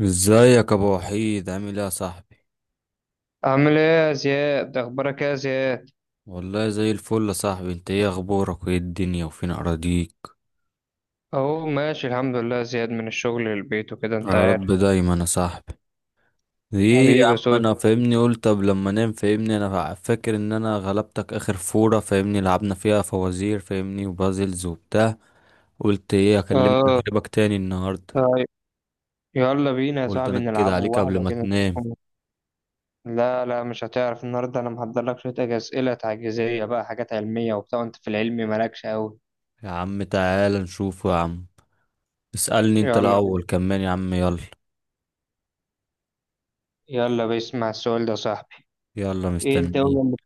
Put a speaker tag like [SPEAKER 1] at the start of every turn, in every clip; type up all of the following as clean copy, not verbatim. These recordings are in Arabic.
[SPEAKER 1] ازيك يا ابو وحيد؟ عامل ايه يا صاحبي؟
[SPEAKER 2] عامل ايه يا زياد، اخبارك ايه يا زياد؟
[SPEAKER 1] والله زي الفل يا صاحبي. انت ايه اخبارك وايه الدنيا وفين اراضيك؟
[SPEAKER 2] اهو ماشي الحمد لله يا زياد، من الشغل للبيت وكده انت
[SPEAKER 1] يا رب
[SPEAKER 2] عارف.
[SPEAKER 1] دايما يا صاحبي. ايه يا
[SPEAKER 2] حبيبي يا
[SPEAKER 1] عم
[SPEAKER 2] سوس.
[SPEAKER 1] انا فاهمني قلت طب لما نام، فاهمني انا فاكر ان انا غلبتك اخر فورة، فاهمني لعبنا فيها فوازير فاهمني وبازلز وبتاع. قلت ايه اكلمك
[SPEAKER 2] اه.
[SPEAKER 1] اجيبك تاني النهارده،
[SPEAKER 2] طيب. يلا بينا يا
[SPEAKER 1] قلت
[SPEAKER 2] صاحبي
[SPEAKER 1] انكد
[SPEAKER 2] نلعبوا
[SPEAKER 1] عليك قبل
[SPEAKER 2] واحدة
[SPEAKER 1] ما
[SPEAKER 2] كده
[SPEAKER 1] تنام.
[SPEAKER 2] نشوفهم. لا لا مش هتعرف النهاردة، انا محضر لك شوية أسئلة تعجيزية بقى، حاجات علمية وبتاع، وانت في العلم مالكش قوي.
[SPEAKER 1] يا عم تعالى نشوفه يا عم، اسألني انت
[SPEAKER 2] يلا
[SPEAKER 1] الاول
[SPEAKER 2] بينا.
[SPEAKER 1] كمان يا عم، يلا.
[SPEAKER 2] يلا بيسمع السؤال ده يا صاحبي.
[SPEAKER 1] يلا
[SPEAKER 2] ايه
[SPEAKER 1] مستنيك.
[SPEAKER 2] الدولة اللي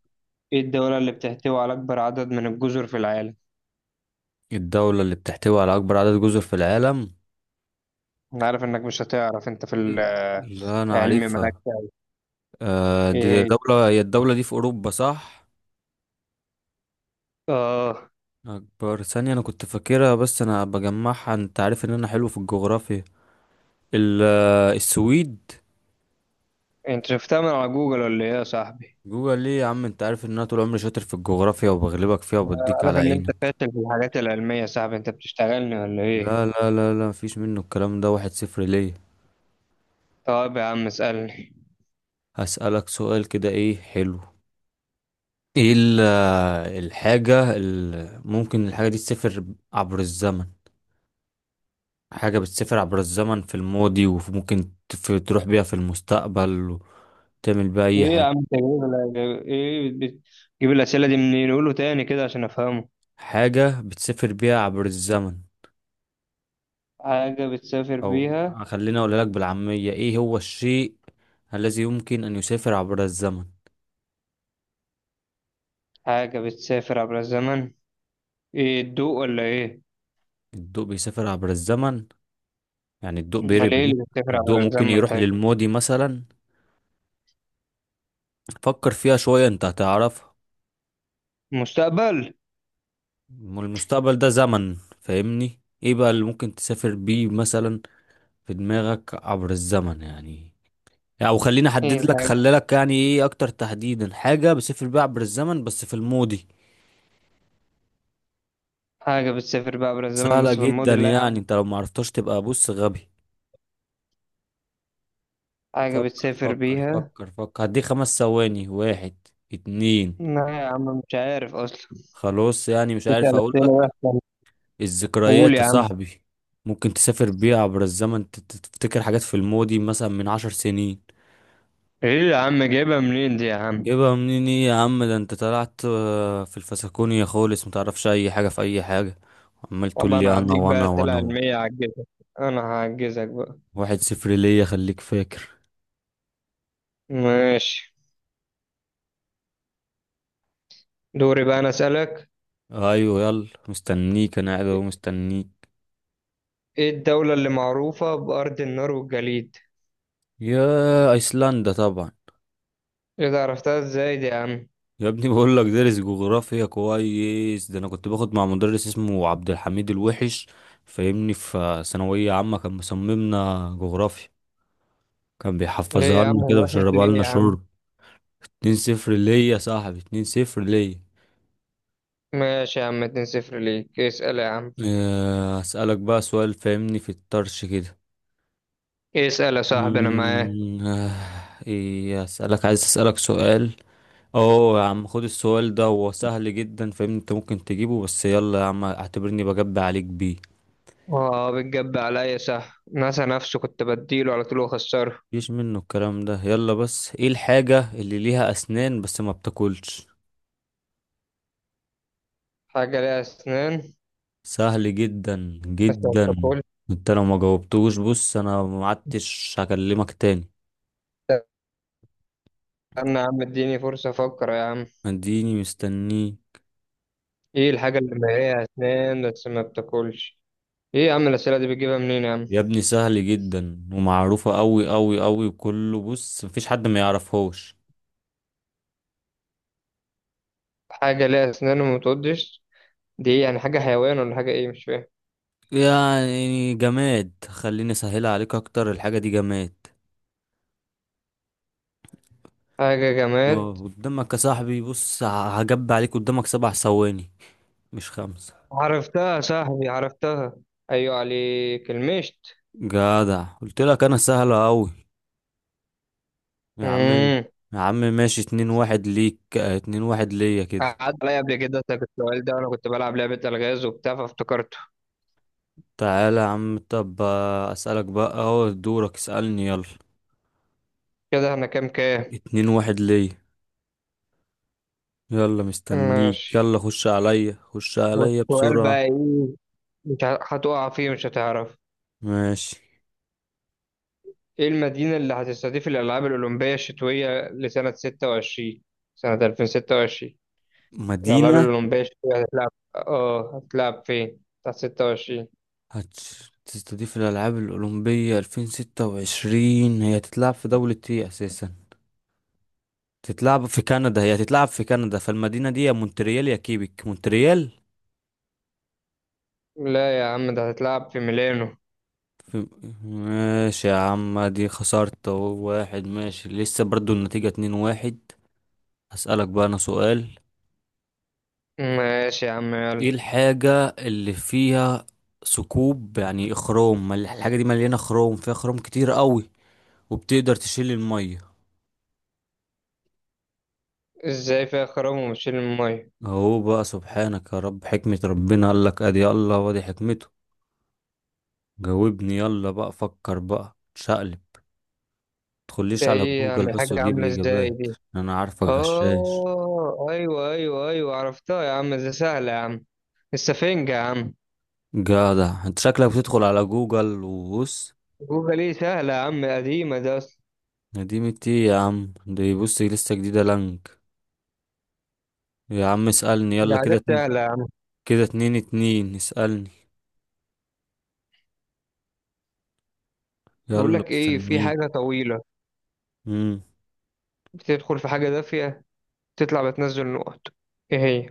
[SPEAKER 2] ايه الدولة اللي بتحتوي على اكبر عدد من الجزر في العالم؟
[SPEAKER 1] الدولة اللي بتحتوي على أكبر عدد جزر في العالم؟
[SPEAKER 2] انا عارف انك مش هتعرف، انت في
[SPEAKER 1] لا أنا
[SPEAKER 2] العلم مالكش
[SPEAKER 1] عارفها.
[SPEAKER 2] قوي.
[SPEAKER 1] آه
[SPEAKER 2] ايه
[SPEAKER 1] دي
[SPEAKER 2] هي؟
[SPEAKER 1] دولة، هي الدولة دي في أوروبا صح؟
[SPEAKER 2] اه.
[SPEAKER 1] أكبر ثانية، أنا كنت فاكرها بس أنا بجمعها، أنت عارف إن أنا حلو في الجغرافيا. السويد.
[SPEAKER 2] انت شفتها من على جوجل ولا ايه يا صاحبي؟
[SPEAKER 1] جوجل ليه يا عم؟ أنت عارف إن أنا طول عمري شاطر في الجغرافيا وبغلبك فيها وبديك
[SPEAKER 2] عارف
[SPEAKER 1] على
[SPEAKER 2] ان انت
[SPEAKER 1] عينك.
[SPEAKER 2] فاشل في الحاجات العلمية يا صاحبي، انت بتشتغلني ولا ايه؟
[SPEAKER 1] لا لا لا لا، مفيش منه الكلام ده، واحد صفر ليا.
[SPEAKER 2] طب يا عم اسألني.
[SPEAKER 1] هسألك سؤال كده إيه حلو. إيه الحاجة اللي ممكن الحاجة دي تسافر عبر الزمن؟ حاجة بتسافر عبر الزمن في الماضي وممكن تروح بيها في المستقبل وتعمل بيها أي
[SPEAKER 2] ايه يا
[SPEAKER 1] حاجة.
[SPEAKER 2] عم تجيب، ايه بت- بتجيب الأسئلة دي منين؟ قوله تاني كده عشان افهمه.
[SPEAKER 1] حاجة بتسافر بيها عبر الزمن،
[SPEAKER 2] حاجة بتسافر
[SPEAKER 1] أو
[SPEAKER 2] بيها.
[SPEAKER 1] خليني أقولها لك بالعامية: إيه هو الشيء الذي يمكن أن يسافر عبر الزمن؟
[SPEAKER 2] حاجة بتسافر عبر الزمن؟ ايه، الضوء ولا ايه؟
[SPEAKER 1] الضوء بيسافر عبر الزمن؟ يعني الضوء
[SPEAKER 2] امال ايه اللي بتسافر عبر
[SPEAKER 1] الضوء ممكن
[SPEAKER 2] الزمن
[SPEAKER 1] يروح
[SPEAKER 2] طيب؟
[SPEAKER 1] للماضي مثلا؟ فكر فيها شوية أنت هتعرفها.
[SPEAKER 2] مستقبل.
[SPEAKER 1] ما المستقبل ده زمن فاهمني، إيه بقى اللي ممكن تسافر بيه مثلا في دماغك عبر الزمن يعني؟ يعني او خليني احدد
[SPEAKER 2] ايه
[SPEAKER 1] لك،
[SPEAKER 2] الحاجة؟
[SPEAKER 1] خلي لك يعني ايه اكتر تحديدا، حاجه بسيف الباع عبر الزمن بس في الماضي.
[SPEAKER 2] حاجة بتسافر بيها عبر الزمن
[SPEAKER 1] سهله
[SPEAKER 2] بس في
[SPEAKER 1] جدا،
[SPEAKER 2] الماضي؟ لا يا
[SPEAKER 1] يعني
[SPEAKER 2] عم.
[SPEAKER 1] انت لو ما عرفتهاش تبقى بص غبي.
[SPEAKER 2] حاجة
[SPEAKER 1] فكر
[SPEAKER 2] بتسافر
[SPEAKER 1] فكر
[SPEAKER 2] بيها.
[SPEAKER 1] فكر فكر، هديك خمس ثواني: واحد، اتنين.
[SPEAKER 2] لا يا عم مش عارف اصلا.
[SPEAKER 1] خلاص يعني مش عارف،
[SPEAKER 2] بتسأل
[SPEAKER 1] اقول
[SPEAKER 2] أسئلة
[SPEAKER 1] لك؟
[SPEAKER 2] وحشة. قول
[SPEAKER 1] الذكريات
[SPEAKER 2] يا
[SPEAKER 1] يا
[SPEAKER 2] عم.
[SPEAKER 1] صاحبي، ممكن تسافر بيها عبر الزمن، تفتكر حاجات في الماضي مثلا من 10 سنين.
[SPEAKER 2] ايه يا عم جايبها منين دي يا عم؟
[SPEAKER 1] يبقى منين ايه يا عم، ده انت طلعت في الفسكونية خالص، متعرفش اي حاجة في اي حاجة، عمال تقول
[SPEAKER 2] طب
[SPEAKER 1] لي
[SPEAKER 2] انا
[SPEAKER 1] انا
[SPEAKER 2] هديك بقى
[SPEAKER 1] وانا
[SPEAKER 2] اسئله
[SPEAKER 1] وانا.
[SPEAKER 2] علميه هعجزك. انا هعجزك بقى.
[SPEAKER 1] واحد صفر ليا، خليك فاكر.
[SPEAKER 2] ماشي. دوري بقى انا اسالك.
[SPEAKER 1] ايوه يلا مستنيك، انا قاعد اهو مستنيك.
[SPEAKER 2] ايه الدوله اللي معروفه بارض النار والجليد؟
[SPEAKER 1] يا ايسلندا طبعا.
[SPEAKER 2] ايه ده عرفتها ازاي دي يا عم؟
[SPEAKER 1] يا ابني بقول لك دارس جغرافيا كويس، ده انا كنت باخد مع مدرس اسمه عبد الحميد الوحش فاهمني في ثانوية عامة، كان مصممنا جغرافيا، كان
[SPEAKER 2] ليه
[SPEAKER 1] بيحفظها
[SPEAKER 2] يا عم
[SPEAKER 1] لنا كده
[SPEAKER 2] هو وحش
[SPEAKER 1] ويشربها
[SPEAKER 2] ليه
[SPEAKER 1] لنا
[SPEAKER 2] يا عم؟
[SPEAKER 1] شرب. اتنين صفر ليا يا صاحبي، اتنين صفر ليا.
[SPEAKER 2] ماشي يا عم، 2-0 ليك. اسال يا عم.
[SPEAKER 1] اسألك بقى سؤال فاهمني في الطرش كده.
[SPEAKER 2] اسال يا صاحبي انا معاك.
[SPEAKER 1] مم، آه، ايه اسألك، عايز اسألك سؤال. اوه يا عم خد السؤال ده، هو سهل جدا فاهمني انت ممكن تجيبه، بس يلا يا عم اعتبرني بجب عليك بيه.
[SPEAKER 2] اه بتجب عليا صح، ناسا نفسه كنت بديله على طول واخسره.
[SPEAKER 1] مفيش منه الكلام ده، يلا. بس ايه الحاجة اللي ليها اسنان بس ما بتاكلش؟
[SPEAKER 2] حاجه ليها اسنان
[SPEAKER 1] سهل جدا
[SPEAKER 2] بس ما
[SPEAKER 1] جدا.
[SPEAKER 2] بتاكلش.
[SPEAKER 1] انت لو ما جاوبتوش بص، انا ما عدتش هكلمك تاني.
[SPEAKER 2] استنى يا عم اديني فرصه افكر يا عم.
[SPEAKER 1] اديني مستنيه.
[SPEAKER 2] ايه الحاجة اللي ليها أسنان بس ما بتاكلش؟ ايه يا عم الأسئلة دي بتجيبها منين يا عم؟
[SPEAKER 1] يا ابني سهل جدا ومعروفة قوي قوي قوي وكله، بص مفيش حد ما يعرفهوش.
[SPEAKER 2] حاجة ليها أسنان وما بتعضش. دي ايه يعني؟ حاجة حيوان ولا حاجة ايه مش فاهم؟
[SPEAKER 1] يعني جماد، خليني اسهلها عليك اكتر، الحاجة دي جماد.
[SPEAKER 2] حاجة
[SPEAKER 1] اه
[SPEAKER 2] جماد.
[SPEAKER 1] قدامك يا صاحبي بص، هجب عليك، قدامك سبع ثواني، مش خمسة.
[SPEAKER 2] عرفتها يا صاحبي عرفتها. أيوة عليك المشت.
[SPEAKER 1] جدع، قلت لك انا سهلة اوي. يا عم،
[SPEAKER 2] امم.
[SPEAKER 1] يا عم ماشي، اتنين واحد ليك، اتنين واحد ليا كده.
[SPEAKER 2] قعدت عليا قبل كده أسألك السؤال ده وأنا كنت بلعب لعبة ألغاز وبتاع فافتكرته.
[SPEAKER 1] تعالى يا عم طب، اسألك بقى، اهو دورك اسألني يلا.
[SPEAKER 2] كده احنا كام كام؟
[SPEAKER 1] اتنين واحد ليا. يلا مستنيك،
[SPEAKER 2] ماشي.
[SPEAKER 1] يلا خش عليا خش عليا
[SPEAKER 2] والسؤال
[SPEAKER 1] بسرعة.
[SPEAKER 2] بقى ايه؟ مش ه- هتقع فيه مش هتعرف.
[SPEAKER 1] ماشي.
[SPEAKER 2] إيه المدينة اللي هتستضيف الألعاب الأولمبية الشتوية لسنة 26، سنة 2026؟ الألعاب
[SPEAKER 1] مدينة
[SPEAKER 2] الأولمبية الشتوية هتتلعب، هتتلعب فين؟ بتاعت 26.
[SPEAKER 1] هتستضيف الألعاب الأولمبية 2026، هي هتتلعب في دولة ايه أساسا؟ تتلعب في كندا، هي تتلعب في كندا فالمدينة دي يا مونتريال يا كيبك، مونتريال.
[SPEAKER 2] لا يا عم ده هتتلعب في ميلانو.
[SPEAKER 1] في... ماشي يا عم، دي خسرت أهو، واحد ماشي لسه برضو، النتيجة اتنين واحد. هسألك بقى أنا سؤال:
[SPEAKER 2] ماشي يا عم
[SPEAKER 1] ايه
[SPEAKER 2] يلا.
[SPEAKER 1] الحاجة اللي فيها ثقوب يعني خروم، الحاجة دي مليانة خروم، فيها خروم كتير قوي، وبتقدر تشيل المية؟
[SPEAKER 2] إزاي فيها خرام وبتشيل المية؟
[SPEAKER 1] اهو بقى سبحانك يا رب، حكمة ربنا، قالك ادي الله وادي حكمته. جاوبني يلا بقى، فكر بقى تشقلب،
[SPEAKER 2] ده
[SPEAKER 1] تدخليش على
[SPEAKER 2] إيه
[SPEAKER 1] جوجل
[SPEAKER 2] يعني؟
[SPEAKER 1] بس
[SPEAKER 2] حاجة
[SPEAKER 1] وتجيب
[SPEAKER 2] عاملة إزاي
[SPEAKER 1] الإجابات.
[SPEAKER 2] دي؟
[SPEAKER 1] أنا عارفك غشاش.
[SPEAKER 2] آه أيوه أيوه أيوه عرفتها يا عم، ده سهلة يا عم. السفنجة يا عم.
[SPEAKER 1] جدع أنت، شكلك بتدخل على جوجل وبص.
[SPEAKER 2] جوجل إيه، سهلة يا عم، قديمة ده أصلا.
[SPEAKER 1] نديمة إيه يا عم، دي بص لسه جديدة، لانك. يا عم اسألني
[SPEAKER 2] دي
[SPEAKER 1] يلا، كده
[SPEAKER 2] حاجات
[SPEAKER 1] اتنين
[SPEAKER 2] سهلة يا عم.
[SPEAKER 1] كده اتنين اتنين، اسألني
[SPEAKER 2] بيقول
[SPEAKER 1] يلا
[SPEAKER 2] لك إيه، في
[SPEAKER 1] مستنيك.
[SPEAKER 2] حاجة طويلة
[SPEAKER 1] مم.
[SPEAKER 2] بتدخل في حاجة دافية تطلع بتنزل نقط، ايه هي؟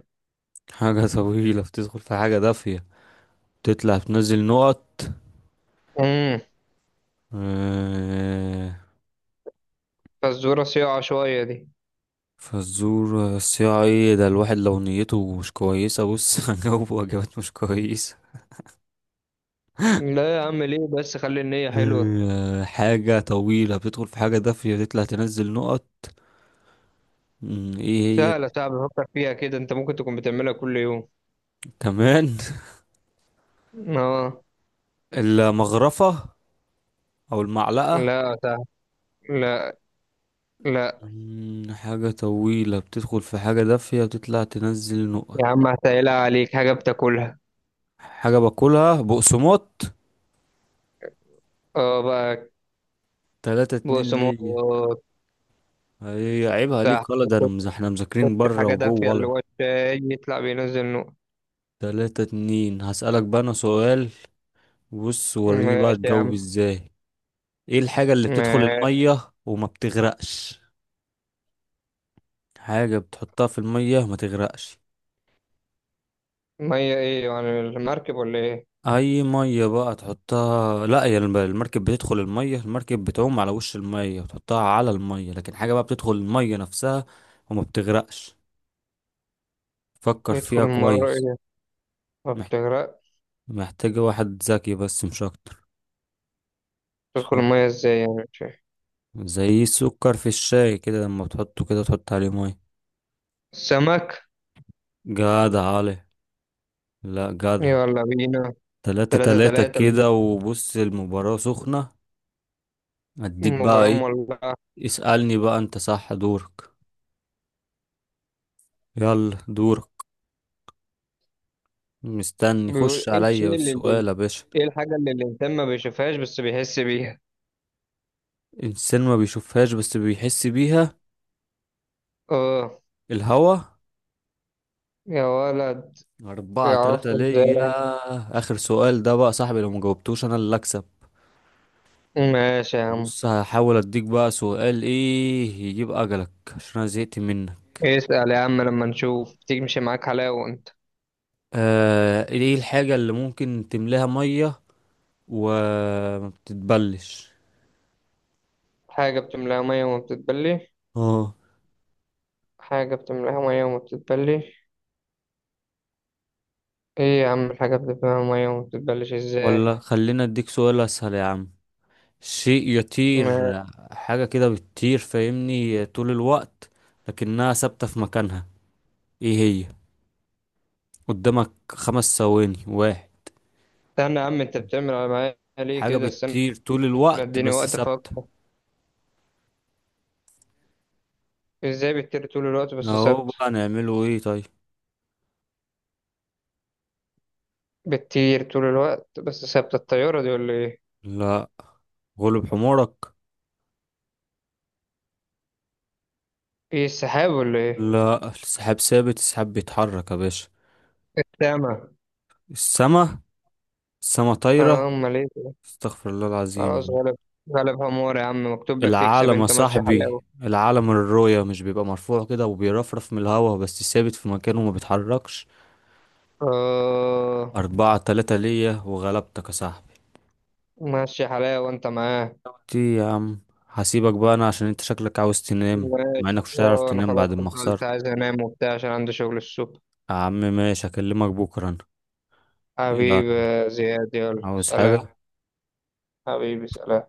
[SPEAKER 1] حاجة طويلة بتدخل في حاجة دافية، تطلع تنزل نقط.
[SPEAKER 2] امم.
[SPEAKER 1] آه،
[SPEAKER 2] فالزورة صياعة شوية دي.
[SPEAKER 1] فزورة بس، يا ايه ده الواحد لو نيته مش كويسة، بص هجاوب وجبات مش كويسة.
[SPEAKER 2] لا يا عم ليه بس، خلي النية حلوة.
[SPEAKER 1] حاجة طويلة بتدخل في حاجة دافية، بتطلع تنزل نقط. ايه هي؟
[SPEAKER 2] سهلة، صعب بفكر فيها كده، انت ممكن تكون بتعملها كل يوم.
[SPEAKER 1] كمان.
[SPEAKER 2] اه.
[SPEAKER 1] المغرفة، او المعلقة.
[SPEAKER 2] لا. سهل لا. لا
[SPEAKER 1] حاجة طويلة بتدخل في حاجة دافية، بتطلع تنزل نقط.
[SPEAKER 2] يا عم هسهلها عليك، حاجة بتاكلها.
[SPEAKER 1] حاجة باكلها، بقسماط.
[SPEAKER 2] اه بقى.
[SPEAKER 1] تلاتة اتنين ليا.
[SPEAKER 2] بقسماط.
[SPEAKER 1] هي عيبها
[SPEAKER 2] تحت.
[SPEAKER 1] ليك ولا، ده انا
[SPEAKER 2] تخش
[SPEAKER 1] احنا مذاكرين
[SPEAKER 2] في
[SPEAKER 1] بره
[SPEAKER 2] حاجة
[SPEAKER 1] وجوه
[SPEAKER 2] دافية اللي
[SPEAKER 1] ولا؟
[SPEAKER 2] هو الشاي، يطلع بينزل نقط.
[SPEAKER 1] تلاتة اتنين. هسألك بقى انا سؤال، بص وريني بقى
[SPEAKER 2] ماشي يا
[SPEAKER 1] تجاوب
[SPEAKER 2] عم.
[SPEAKER 1] ازاي. ايه الحاجة اللي بتدخل
[SPEAKER 2] ماشي.
[SPEAKER 1] المية وما بتغرقش؟ حاجة بتحطها في المية وما تغرقش.
[SPEAKER 2] مية ايه يعني؟ المركب ولا ايه؟
[SPEAKER 1] اي مية بقى تحطها، لا يا المركب بتدخل المية، المركب بتعوم على وش المية وتحطها على المية، لكن حاجة بقى بتدخل المية نفسها وما بتغرقش، فكر
[SPEAKER 2] بيدخل
[SPEAKER 1] فيها
[SPEAKER 2] مرة
[SPEAKER 1] كويس.
[SPEAKER 2] ايه؟ ما
[SPEAKER 1] مح-
[SPEAKER 2] بتغرق.
[SPEAKER 1] محتاجة واحد ذكي بس، مش اكتر.
[SPEAKER 2] تدخل
[SPEAKER 1] تفكر.
[SPEAKER 2] المية ازاي يعني مش فاهم.
[SPEAKER 1] زي السكر في الشاي كده، لما بتحطه كده تحط عليه مية.
[SPEAKER 2] السمك.
[SPEAKER 1] جدع علي، لا جدع.
[SPEAKER 2] يلا بينا.
[SPEAKER 1] تلاتة
[SPEAKER 2] تلاتة
[SPEAKER 1] تلاتة
[SPEAKER 2] تلاتة.
[SPEAKER 1] كده، وبص المباراة سخنة. اديك بقى
[SPEAKER 2] المباراة
[SPEAKER 1] ايه،
[SPEAKER 2] مولعة.
[SPEAKER 1] اسألني بقى انت، صح دورك، يلا دورك، مستني
[SPEAKER 2] بيقول
[SPEAKER 1] خش
[SPEAKER 2] ايه
[SPEAKER 1] عليا
[SPEAKER 2] الشيء اللي،
[SPEAKER 1] بالسؤال يا باشا.
[SPEAKER 2] ايه الحاجة اللي الإنسان ما بيشوفهاش بس بيحس بيها؟
[SPEAKER 1] انسان ما بيشوفهاش بس بيحس بيها؟
[SPEAKER 2] اه.
[SPEAKER 1] الهوا.
[SPEAKER 2] يا ولد.
[SPEAKER 1] أربعة تلاتة
[SPEAKER 2] عرفت ازاي؟
[SPEAKER 1] ليا، آخر سؤال ده بقى صاحبي، لو مجاوبتوش أنا اللي أكسب.
[SPEAKER 2] ماشي يا عم.
[SPEAKER 1] بص هحاول أديك بقى سؤال إيه يجيب أجلك، عشان أنا زهقت منك.
[SPEAKER 2] اسأل يا عم لما نشوف، تمشي معاك حلاوة انت.
[SPEAKER 1] إيه الحاجة اللي ممكن تملاها مية وما بتتبلش؟
[SPEAKER 2] حاجة بتملاها مية وما بتتبلي.
[SPEAKER 1] اه،
[SPEAKER 2] حاجة بتملاها مية وما بتتبلي. ايه يا عم الحاجة بتملاها مية وما بتتبلش ازاي؟
[SPEAKER 1] ولا خلينا أديك سؤال أسهل يا عم. شيء
[SPEAKER 2] ما-
[SPEAKER 1] يطير، حاجة كده بتطير فاهمني طول الوقت لكنها ثابتة في مكانها، ايه هي؟ قدامك خمس ثواني: واحد.
[SPEAKER 2] استنى يا عم، انت بتعمل على معايا ليه
[SPEAKER 1] حاجة
[SPEAKER 2] كده؟ استنى.
[SPEAKER 1] بتطير طول الوقت
[SPEAKER 2] اديني
[SPEAKER 1] بس
[SPEAKER 2] وقت
[SPEAKER 1] ثابتة.
[SPEAKER 2] افكر. ازاي بتطير طول الوقت بس
[SPEAKER 1] اهو
[SPEAKER 2] ثابتة؟
[SPEAKER 1] بقى نعمله ايه طيب.
[SPEAKER 2] بتطير طول الوقت بس ثابتة، الطيارة دي ولا ايه؟
[SPEAKER 1] لا، غلب حمارك.
[SPEAKER 2] ايه، السحاب ولا ايه؟
[SPEAKER 1] لا، السحاب ثابت، السحاب بيتحرك يا باشا.
[SPEAKER 2] السما.
[SPEAKER 1] السما، السما، طايرة.
[SPEAKER 2] اه امال ايه ده؟
[SPEAKER 1] استغفر الله العظيم
[SPEAKER 2] خلاص
[SPEAKER 1] يعني.
[SPEAKER 2] غلب. غلب همور يا عم، مكتوب لك تكسب
[SPEAKER 1] العالم يا
[SPEAKER 2] انت، ماشي حلاوة.
[SPEAKER 1] صاحبي، العالم الرؤية، مش بيبقى مرفوع كده وبيرفرف من الهوا بس ثابت في مكانه وما بيتحركش.
[SPEAKER 2] اه.
[SPEAKER 1] أربعة تلاتة ليا، وغلبتك يا صاحبي.
[SPEAKER 2] ماشي حلاوة انت معاه.
[SPEAKER 1] دي يا عم، هسيبك بقى أنا عشان أنت شكلك عاوز تنام،
[SPEAKER 2] ماشي.
[SPEAKER 1] مع إنك مش هتعرف
[SPEAKER 2] اه انا
[SPEAKER 1] تنام
[SPEAKER 2] خلاص
[SPEAKER 1] بعد ما
[SPEAKER 2] كنت
[SPEAKER 1] خسرت.
[SPEAKER 2] عايز انام وبتاع عشان عندي شغل الصبح.
[SPEAKER 1] يا عم ماشي، هكلمك بكرة أنا. يلا،
[SPEAKER 2] حبيبي يا زياد، يلا
[SPEAKER 1] عاوز
[SPEAKER 2] سلام.
[SPEAKER 1] حاجة؟
[SPEAKER 2] حبيبي سلام.